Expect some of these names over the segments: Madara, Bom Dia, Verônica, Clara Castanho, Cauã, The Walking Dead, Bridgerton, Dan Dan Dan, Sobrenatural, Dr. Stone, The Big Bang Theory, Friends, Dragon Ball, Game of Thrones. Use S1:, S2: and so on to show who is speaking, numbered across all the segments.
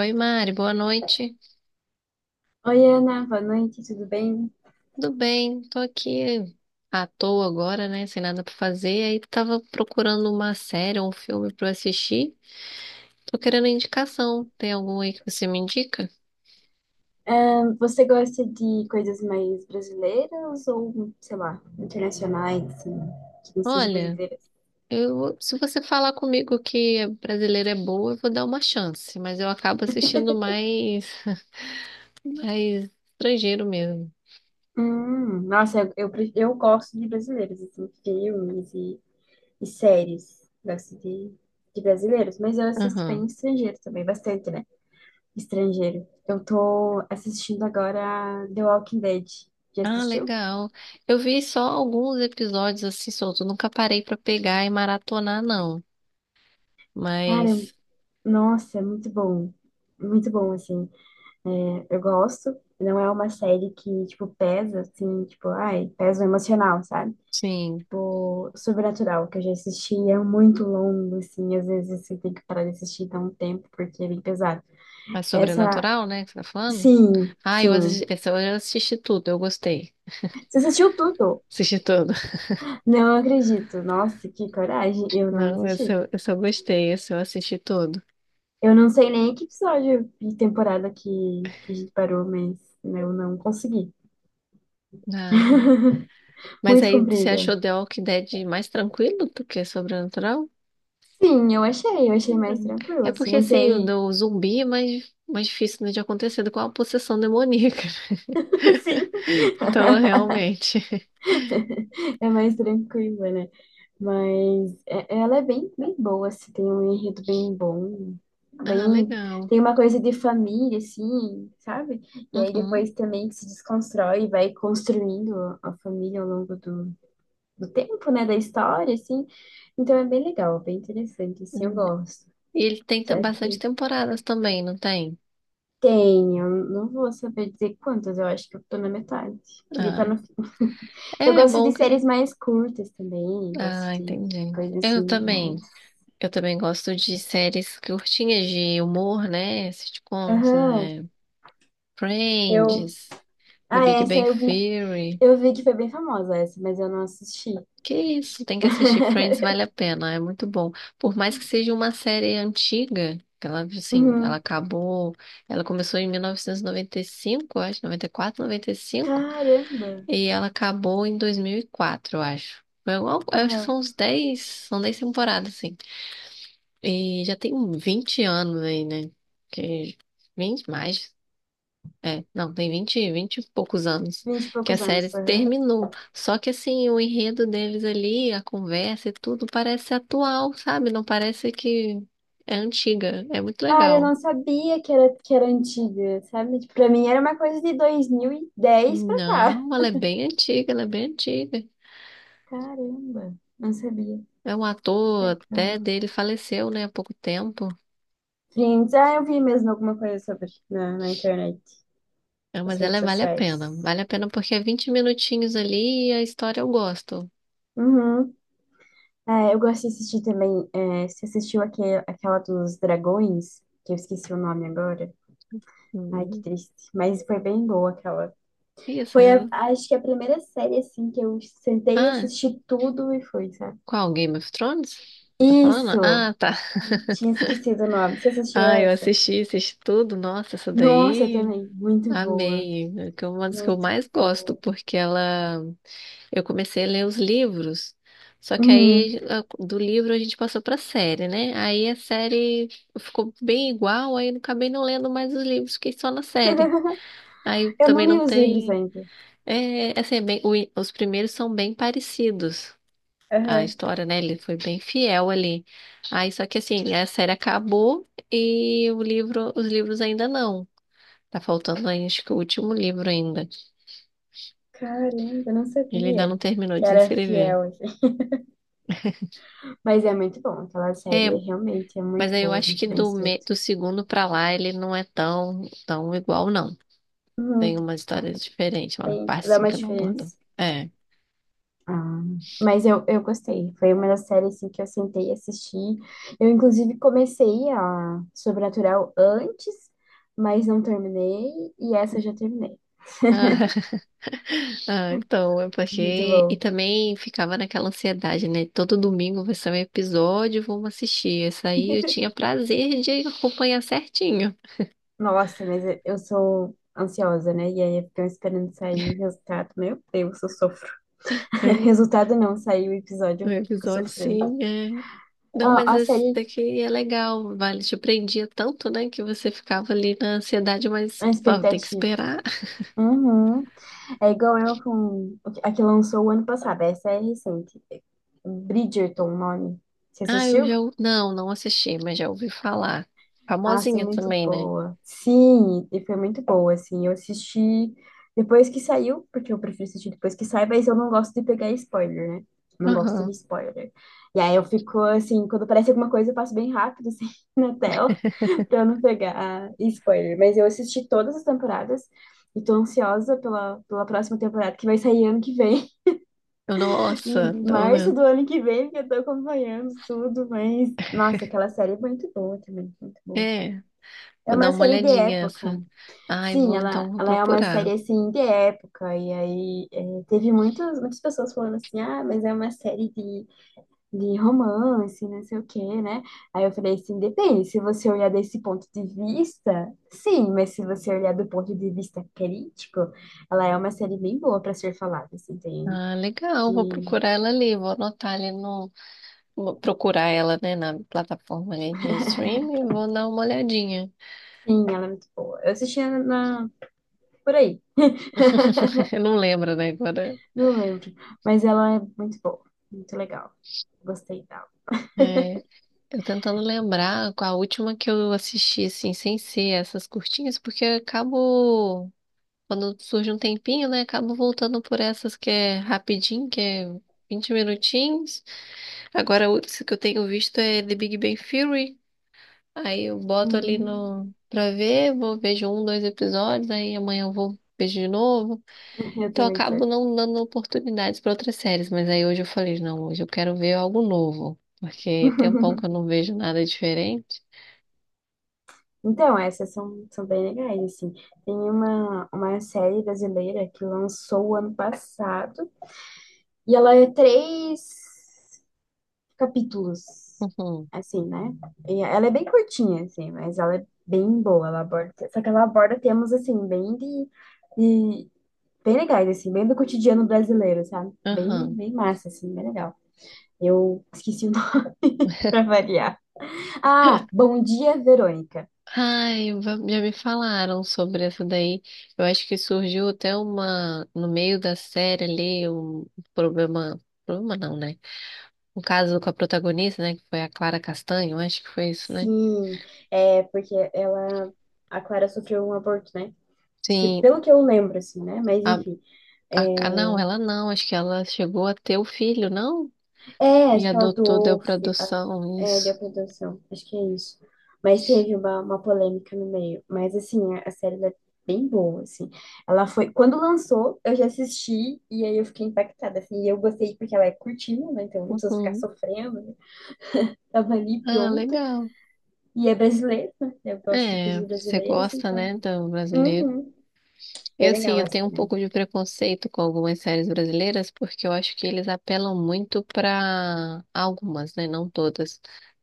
S1: Oi, Mari, boa noite.
S2: Oi, Ana, boa noite, tudo bem?
S1: Tudo bem? Tô aqui à toa agora, né? Sem nada pra fazer. Aí tava procurando uma série, um filme pra eu assistir. Tô querendo indicação. Tem algum aí que você me indica?
S2: Você gosta de coisas mais brasileiras ou, sei lá, internacionais, assim, que não sejam
S1: Olha,
S2: brasileiras?
S1: eu, se você falar comigo que é brasileira é boa, eu vou dar uma chance, mas eu acabo assistindo mais, mais estrangeiro mesmo.
S2: Nossa, eu eu gosto de brasileiros, assim, filmes e séries. Gosto de brasileiros, mas eu assisto bem
S1: Aham.
S2: estrangeiro também, bastante, né? Estrangeiro. Eu tô assistindo agora The Walking Dead. Já
S1: Ah,
S2: assistiu?
S1: legal. Eu vi só alguns episódios assim soltos, nunca parei pra pegar e maratonar, não.
S2: Cara,
S1: Mas
S2: nossa, é muito bom. Muito bom, assim. Eu gosto. Não é uma série que, tipo, pesa, assim, tipo, ai, pesa o emocional, sabe?
S1: sim,
S2: Tipo, Sobrenatural, que eu já assisti, é muito longo, assim, às vezes você tem que parar de assistir dá um tempo, porque é bem pesado.
S1: mas
S2: Essa,
S1: sobrenatural, né, que você tá falando?
S2: sim,
S1: Ah, eu
S2: sim.
S1: assisti, esse eu assisti tudo, eu gostei.
S2: Você assistiu tudo?
S1: Assisti tudo.
S2: Não acredito. Nossa, que coragem. Eu não
S1: Não, esse
S2: assisti.
S1: eu, esse eu gostei, esse eu assisti tudo.
S2: Eu não sei nem que episódio e temporada que a gente parou, mas eu não consegui.
S1: Ah, não. Mas
S2: Muito
S1: aí você
S2: comprida.
S1: achou The Walking Dead mais tranquilo do que sobrenatural?
S2: Sim, eu achei mais
S1: Hum.
S2: tranquilo,
S1: É
S2: assim,
S1: porque
S2: não
S1: assim, o
S2: sei.
S1: do zumbi é mais, mais difícil né, de acontecer do que uma possessão demoníaca.
S2: Sim,
S1: Então, realmente.
S2: é mais tranquila, né? Mas ela é bem, bem boa, assim, tem um enredo bem bom,
S1: Ah,
S2: bem,
S1: legal.
S2: tem uma coisa de família, assim, sabe? E aí
S1: Uhum.
S2: depois também se desconstrói e vai construindo a família ao longo do tempo, né? Da história, assim. Então é bem legal, bem interessante, assim, eu
S1: Hum.
S2: gosto.
S1: E ele tem
S2: Só
S1: bastante
S2: que
S1: temporadas também, não tem?
S2: tem, eu não vou saber dizer quantas, eu acho que eu tô na metade. Queria estar
S1: Ah,
S2: no fim. Eu
S1: é
S2: gosto de
S1: bom que.
S2: séries mais curtas também, gosto
S1: Ah,
S2: de
S1: entendi.
S2: coisas
S1: Eu
S2: assim,
S1: também.
S2: mais.
S1: Eu também gosto de séries curtinhas de humor, né? Sitcoms,
S2: Aham,
S1: é,
S2: eu.
S1: Friends, The
S2: Ah,
S1: Big
S2: essa
S1: Bang
S2: eu vi,
S1: Theory.
S2: eu vi que foi bem famosa essa, mas eu não assisti.
S1: Que isso, tem que assistir Friends, vale a pena, é muito bom. Por mais que seja uma série antiga, que ela, assim, ela
S2: Uhum.
S1: acabou, ela começou em 1995, eu acho, 94, 95, e cinco,
S2: Caramba!
S1: e ela acabou em 2004, eu acho. Eu acho que
S2: Aham,
S1: são uns 10, são 10 temporadas, assim. E já tem um 20 anos aí, né? Que 20 mais. É, não, tem 20, 20 e poucos anos
S2: vinte e
S1: que a
S2: poucos
S1: série
S2: anos. Aham.
S1: terminou. Só que assim, o enredo deles ali, a conversa e tudo parece atual, sabe? Não parece que é antiga. É muito
S2: Cara, eu
S1: legal.
S2: não sabia que era antiga, sabe? Tipo, pra mim era uma coisa de 2010 pra cá.
S1: Não, ela é bem antiga, ela é bem antiga.
S2: Caramba! Não sabia.
S1: É um
S2: Que
S1: ator
S2: legal.
S1: até dele faleceu, né, há pouco tempo.
S2: Friends, ah, eu vi mesmo alguma coisa sobre na internet,
S1: É,
S2: nas
S1: mas ela
S2: redes
S1: é, vale a pena.
S2: sociais.
S1: Vale a pena porque é 20 minutinhos ali e a história eu gosto.
S2: Uhum. É, eu gosto de assistir também. É, você assistiu aquele, aquela dos dragões, que eu esqueci o nome agora. Ai, que
S1: Hum.
S2: triste. Mas foi bem boa aquela.
S1: Isso.
S2: Foi, acho que a primeira série, assim, que eu sentei e
S1: Ah,
S2: assisti tudo e foi, sabe?
S1: qual? Game of Thrones? Você tá falando?
S2: Isso!
S1: Ah, tá.
S2: Ai, tinha esquecido o nome. Você assistiu
S1: Ah, eu
S2: essa?
S1: assisti, assisti tudo. Nossa, essa
S2: Nossa, eu
S1: daí
S2: também. Muito boa.
S1: amei. É que é uma das que eu
S2: Muito
S1: mais gosto,
S2: boa.
S1: porque ela. Eu comecei a ler os livros, só que
S2: Uhum.
S1: aí do livro a gente passou pra série, né? Aí a série ficou bem igual, aí eu acabei não lendo mais os livros, fiquei só na série. Aí
S2: Eu não
S1: também
S2: li
S1: não
S2: os livros
S1: tem.
S2: ainda.
S1: É, assim, os primeiros são bem parecidos. A
S2: Aham.
S1: história, né? Ele foi bem fiel ali. Aí, só que assim, a série acabou e o livro, os livros ainda não. Tá faltando, aí, acho que o último livro ainda.
S2: Caramba, eu não
S1: Ele ainda
S2: sabia
S1: não terminou
S2: que
S1: de
S2: era
S1: escrever.
S2: fiel. Mas é muito bom, aquela
S1: É,
S2: série realmente é
S1: mas
S2: muito
S1: aí eu
S2: boa,
S1: acho que
S2: muito bem escrita.
S1: do segundo pra lá ele não é tão igual, não. Tem
S2: Uhum,
S1: umas histórias diferentes, uma
S2: tem,
S1: parte
S2: dá
S1: assim
S2: uma
S1: que não abordou.
S2: diferença.
S1: É.
S2: Ah, mas eu gostei. Foi uma das séries assim, que eu sentei e assisti. Eu, inclusive, comecei a Sobrenatural antes, mas não terminei. E essa eu já terminei.
S1: Ah, então, é
S2: Muito
S1: porque. E
S2: bom.
S1: também ficava naquela ansiedade, né? Todo domingo vai ser um episódio, vamos assistir. Esse aí eu tinha prazer de acompanhar certinho.
S2: Nossa, mas eu sou ansiosa, né? E aí eu fico esperando sair o resultado. Meu Deus, eu sofro.
S1: É,
S2: Resultado não, saiu o episódio,
S1: o
S2: eu fico
S1: episódio
S2: sofrendo.
S1: sim, é. Não,
S2: Ah,
S1: mas
S2: a
S1: esse
S2: série,
S1: daqui é legal, vale. Te prendia tanto, né? Que você ficava ali na ansiedade, mas
S2: a
S1: pô, tem que
S2: expectativa.
S1: esperar.
S2: Uhum. É igual eu com a que lançou o ano passado, essa é recente. Bridgerton, o nome. Você
S1: Ah, eu
S2: assistiu?
S1: já. Não, não assisti, mas já ouvi falar.
S2: Nossa,
S1: Famosinha
S2: muito
S1: também, né?
S2: boa. Sim, e foi muito boa, assim. Eu assisti depois que saiu, porque eu prefiro assistir depois que sai, mas eu não gosto de pegar spoiler, né? Não gosto de
S1: Aham.
S2: spoiler. E aí eu fico assim, quando aparece alguma coisa, eu passo bem rápido, assim, na tela, pra eu não pegar spoiler. Mas eu assisti todas as temporadas e tô ansiosa pela próxima temporada, que vai sair ano que vem.
S1: Eu, nossa,
S2: Em
S1: então,
S2: março
S1: né?
S2: do ano que vem, que eu tô acompanhando tudo, mas. Nossa, aquela série é muito boa também, muito boa.
S1: É.
S2: É
S1: Vou dar
S2: uma
S1: uma
S2: série de
S1: olhadinha
S2: época.
S1: essa. Ai,
S2: Sim,
S1: vou
S2: ela,
S1: então vou
S2: ela é uma série
S1: procurar.
S2: assim de época. E aí é, teve muitas, muitas pessoas falando assim, ah, mas é uma série de romance, não sei o quê, né? Aí eu falei assim, depende, se você olhar desse ponto de vista, sim, mas se você olhar do ponto de vista crítico, ela é uma série bem boa para ser falada, assim, tem.
S1: Ah, legal, vou
S2: Que
S1: procurar ela ali, vou anotar ali no. Vou procurar ela, né, na plataforma ali de streaming, e vou dar uma olhadinha.
S2: Sim, ela é muito boa. Eu assistia por aí,
S1: Eu não lembro, né, agora.
S2: não lembro. Mas ela é muito boa, muito legal. Gostei dela.
S1: É, eu tentando lembrar qual a última que eu assisti, assim, sem ser essas curtinhas, porque eu acabo, quando surge um tempinho, né, acabo voltando por essas que é rapidinho, que é 20 minutinhos. Agora, a outra que eu tenho visto é The Big Bang Theory. Aí eu boto ali
S2: Hum,
S1: no pra ver, vou vejo um, dois episódios, aí amanhã eu vou vejo de novo.
S2: eu
S1: Então eu
S2: também tô.
S1: acabo não dando oportunidades para outras séries, mas aí hoje eu falei, não, hoje eu quero ver algo novo, porque tem um tempão que eu não vejo nada diferente.
S2: Então, essas são bem legais, assim. Tem uma série brasileira que lançou ano passado, e ela é três capítulos,
S1: Uhum.
S2: assim, né? E ela é bem curtinha, assim, mas ela é bem boa. Ela aborda, só que ela aborda temas, assim, bem de- bem legais, assim, bem do cotidiano brasileiro, sabe? Bem,
S1: Aham.
S2: bem massa, assim, bem legal. Eu esqueci o nome pra variar. Ah, Bom Dia, Verônica.
S1: Ai, já me falaram sobre essa daí. Eu acho que surgiu até uma no meio da série ali um problema, problema não, né? Um caso com a protagonista, né, que foi a Clara Castanho, eu acho que foi isso, né?
S2: Sim, é porque ela, a Clara sofreu um aborto, né? Que,
S1: Sim,
S2: pelo que eu lembro, assim, né? Mas
S1: a
S2: enfim.
S1: Não,
S2: É,
S1: ela não. Acho que ela chegou a ter o filho, não?
S2: É,
S1: E
S2: acho que ela
S1: adotou, deu
S2: doou,
S1: para adoção,
S2: deu
S1: isso.
S2: produção, acho que é isso. Mas teve uma polêmica no meio. Mas, assim, a série ela é bem boa, assim. Quando lançou, eu já assisti e aí eu fiquei impactada, assim. E eu gostei porque ela é curtinha, né? Então não precisa ficar
S1: Uhum.
S2: sofrendo, né? Tava ali
S1: Ah,
S2: pronta.
S1: legal.
S2: E é brasileira, né? Eu gosto de
S1: É,
S2: coisas
S1: você
S2: brasileiras,
S1: gosta,
S2: então.
S1: né, do brasileiro?
S2: Uhum. Bem
S1: Eu sim,
S2: legal
S1: eu
S2: essa
S1: tenho um
S2: também.
S1: pouco de preconceito com algumas séries brasileiras, porque eu acho que eles apelam muito para algumas, né? Não todas,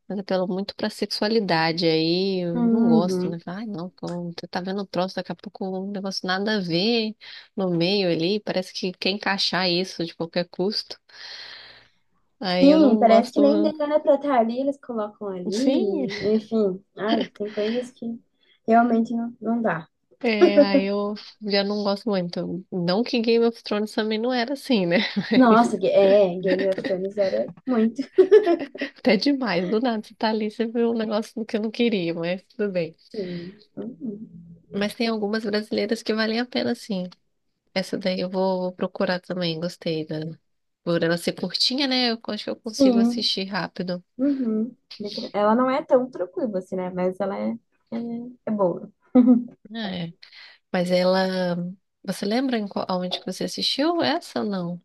S1: mas apelam muito para sexualidade. Aí eu não gosto,
S2: Uhum.
S1: né? Falo, ai, não, como você tá vendo o troço, daqui a pouco um negócio nada a ver no meio ali, parece que quer encaixar isso de qualquer custo. Aí eu
S2: Sim,
S1: não
S2: parece que nem
S1: gosto.
S2: dele era pra estar ali, eles colocam
S1: Sim,
S2: ali, enfim. Ai, tem coisas que realmente não, não dá.
S1: é, aí eu já não gosto muito. Não que Game of Thrones também não era assim, né?
S2: Nossa, Game of Thrones era muito.
S1: Até demais, do nada você tá ali, você viu um negócio que eu não queria, mas tudo bem.
S2: Sim. Uhum.
S1: Mas tem algumas brasileiras que valem a pena, sim. Essa daí eu vou, vou procurar também, gostei dela. Por ela ser curtinha, né? Eu acho que eu consigo
S2: Sim.
S1: assistir rápido.
S2: Uhum. Ela não é tão tranquila assim, né? Mas ela é, é boa.
S1: É. Mas ela. Você lembra em qual, aonde que você assistiu essa ou não?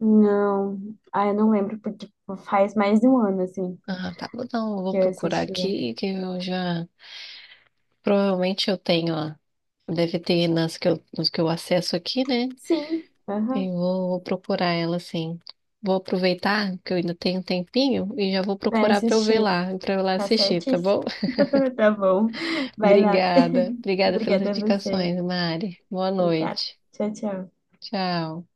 S2: Não. Ah, eu não lembro, porque tipo, faz mais de um ano, assim,
S1: Ah, tá. Não, eu vou
S2: que eu
S1: procurar
S2: assisti ela.
S1: aqui, que eu já. Provavelmente eu tenho, ó. Deve ter nas que eu, nos que eu acesso aqui, né?
S2: Sim, aham.
S1: Eu vou procurar ela, sim. Vou aproveitar que eu ainda tenho um tempinho e já vou
S2: Vai
S1: procurar pra eu ver
S2: assistir.
S1: lá, pra eu lá
S2: Tá
S1: assistir, tá
S2: certíssimo.
S1: bom?
S2: Tá bom. Vai lá.
S1: Obrigada. Obrigada pelas
S2: Obrigada a você.
S1: indicações, Mari. Boa
S2: Obrigada.
S1: noite.
S2: Tchau, tchau.
S1: Tchau.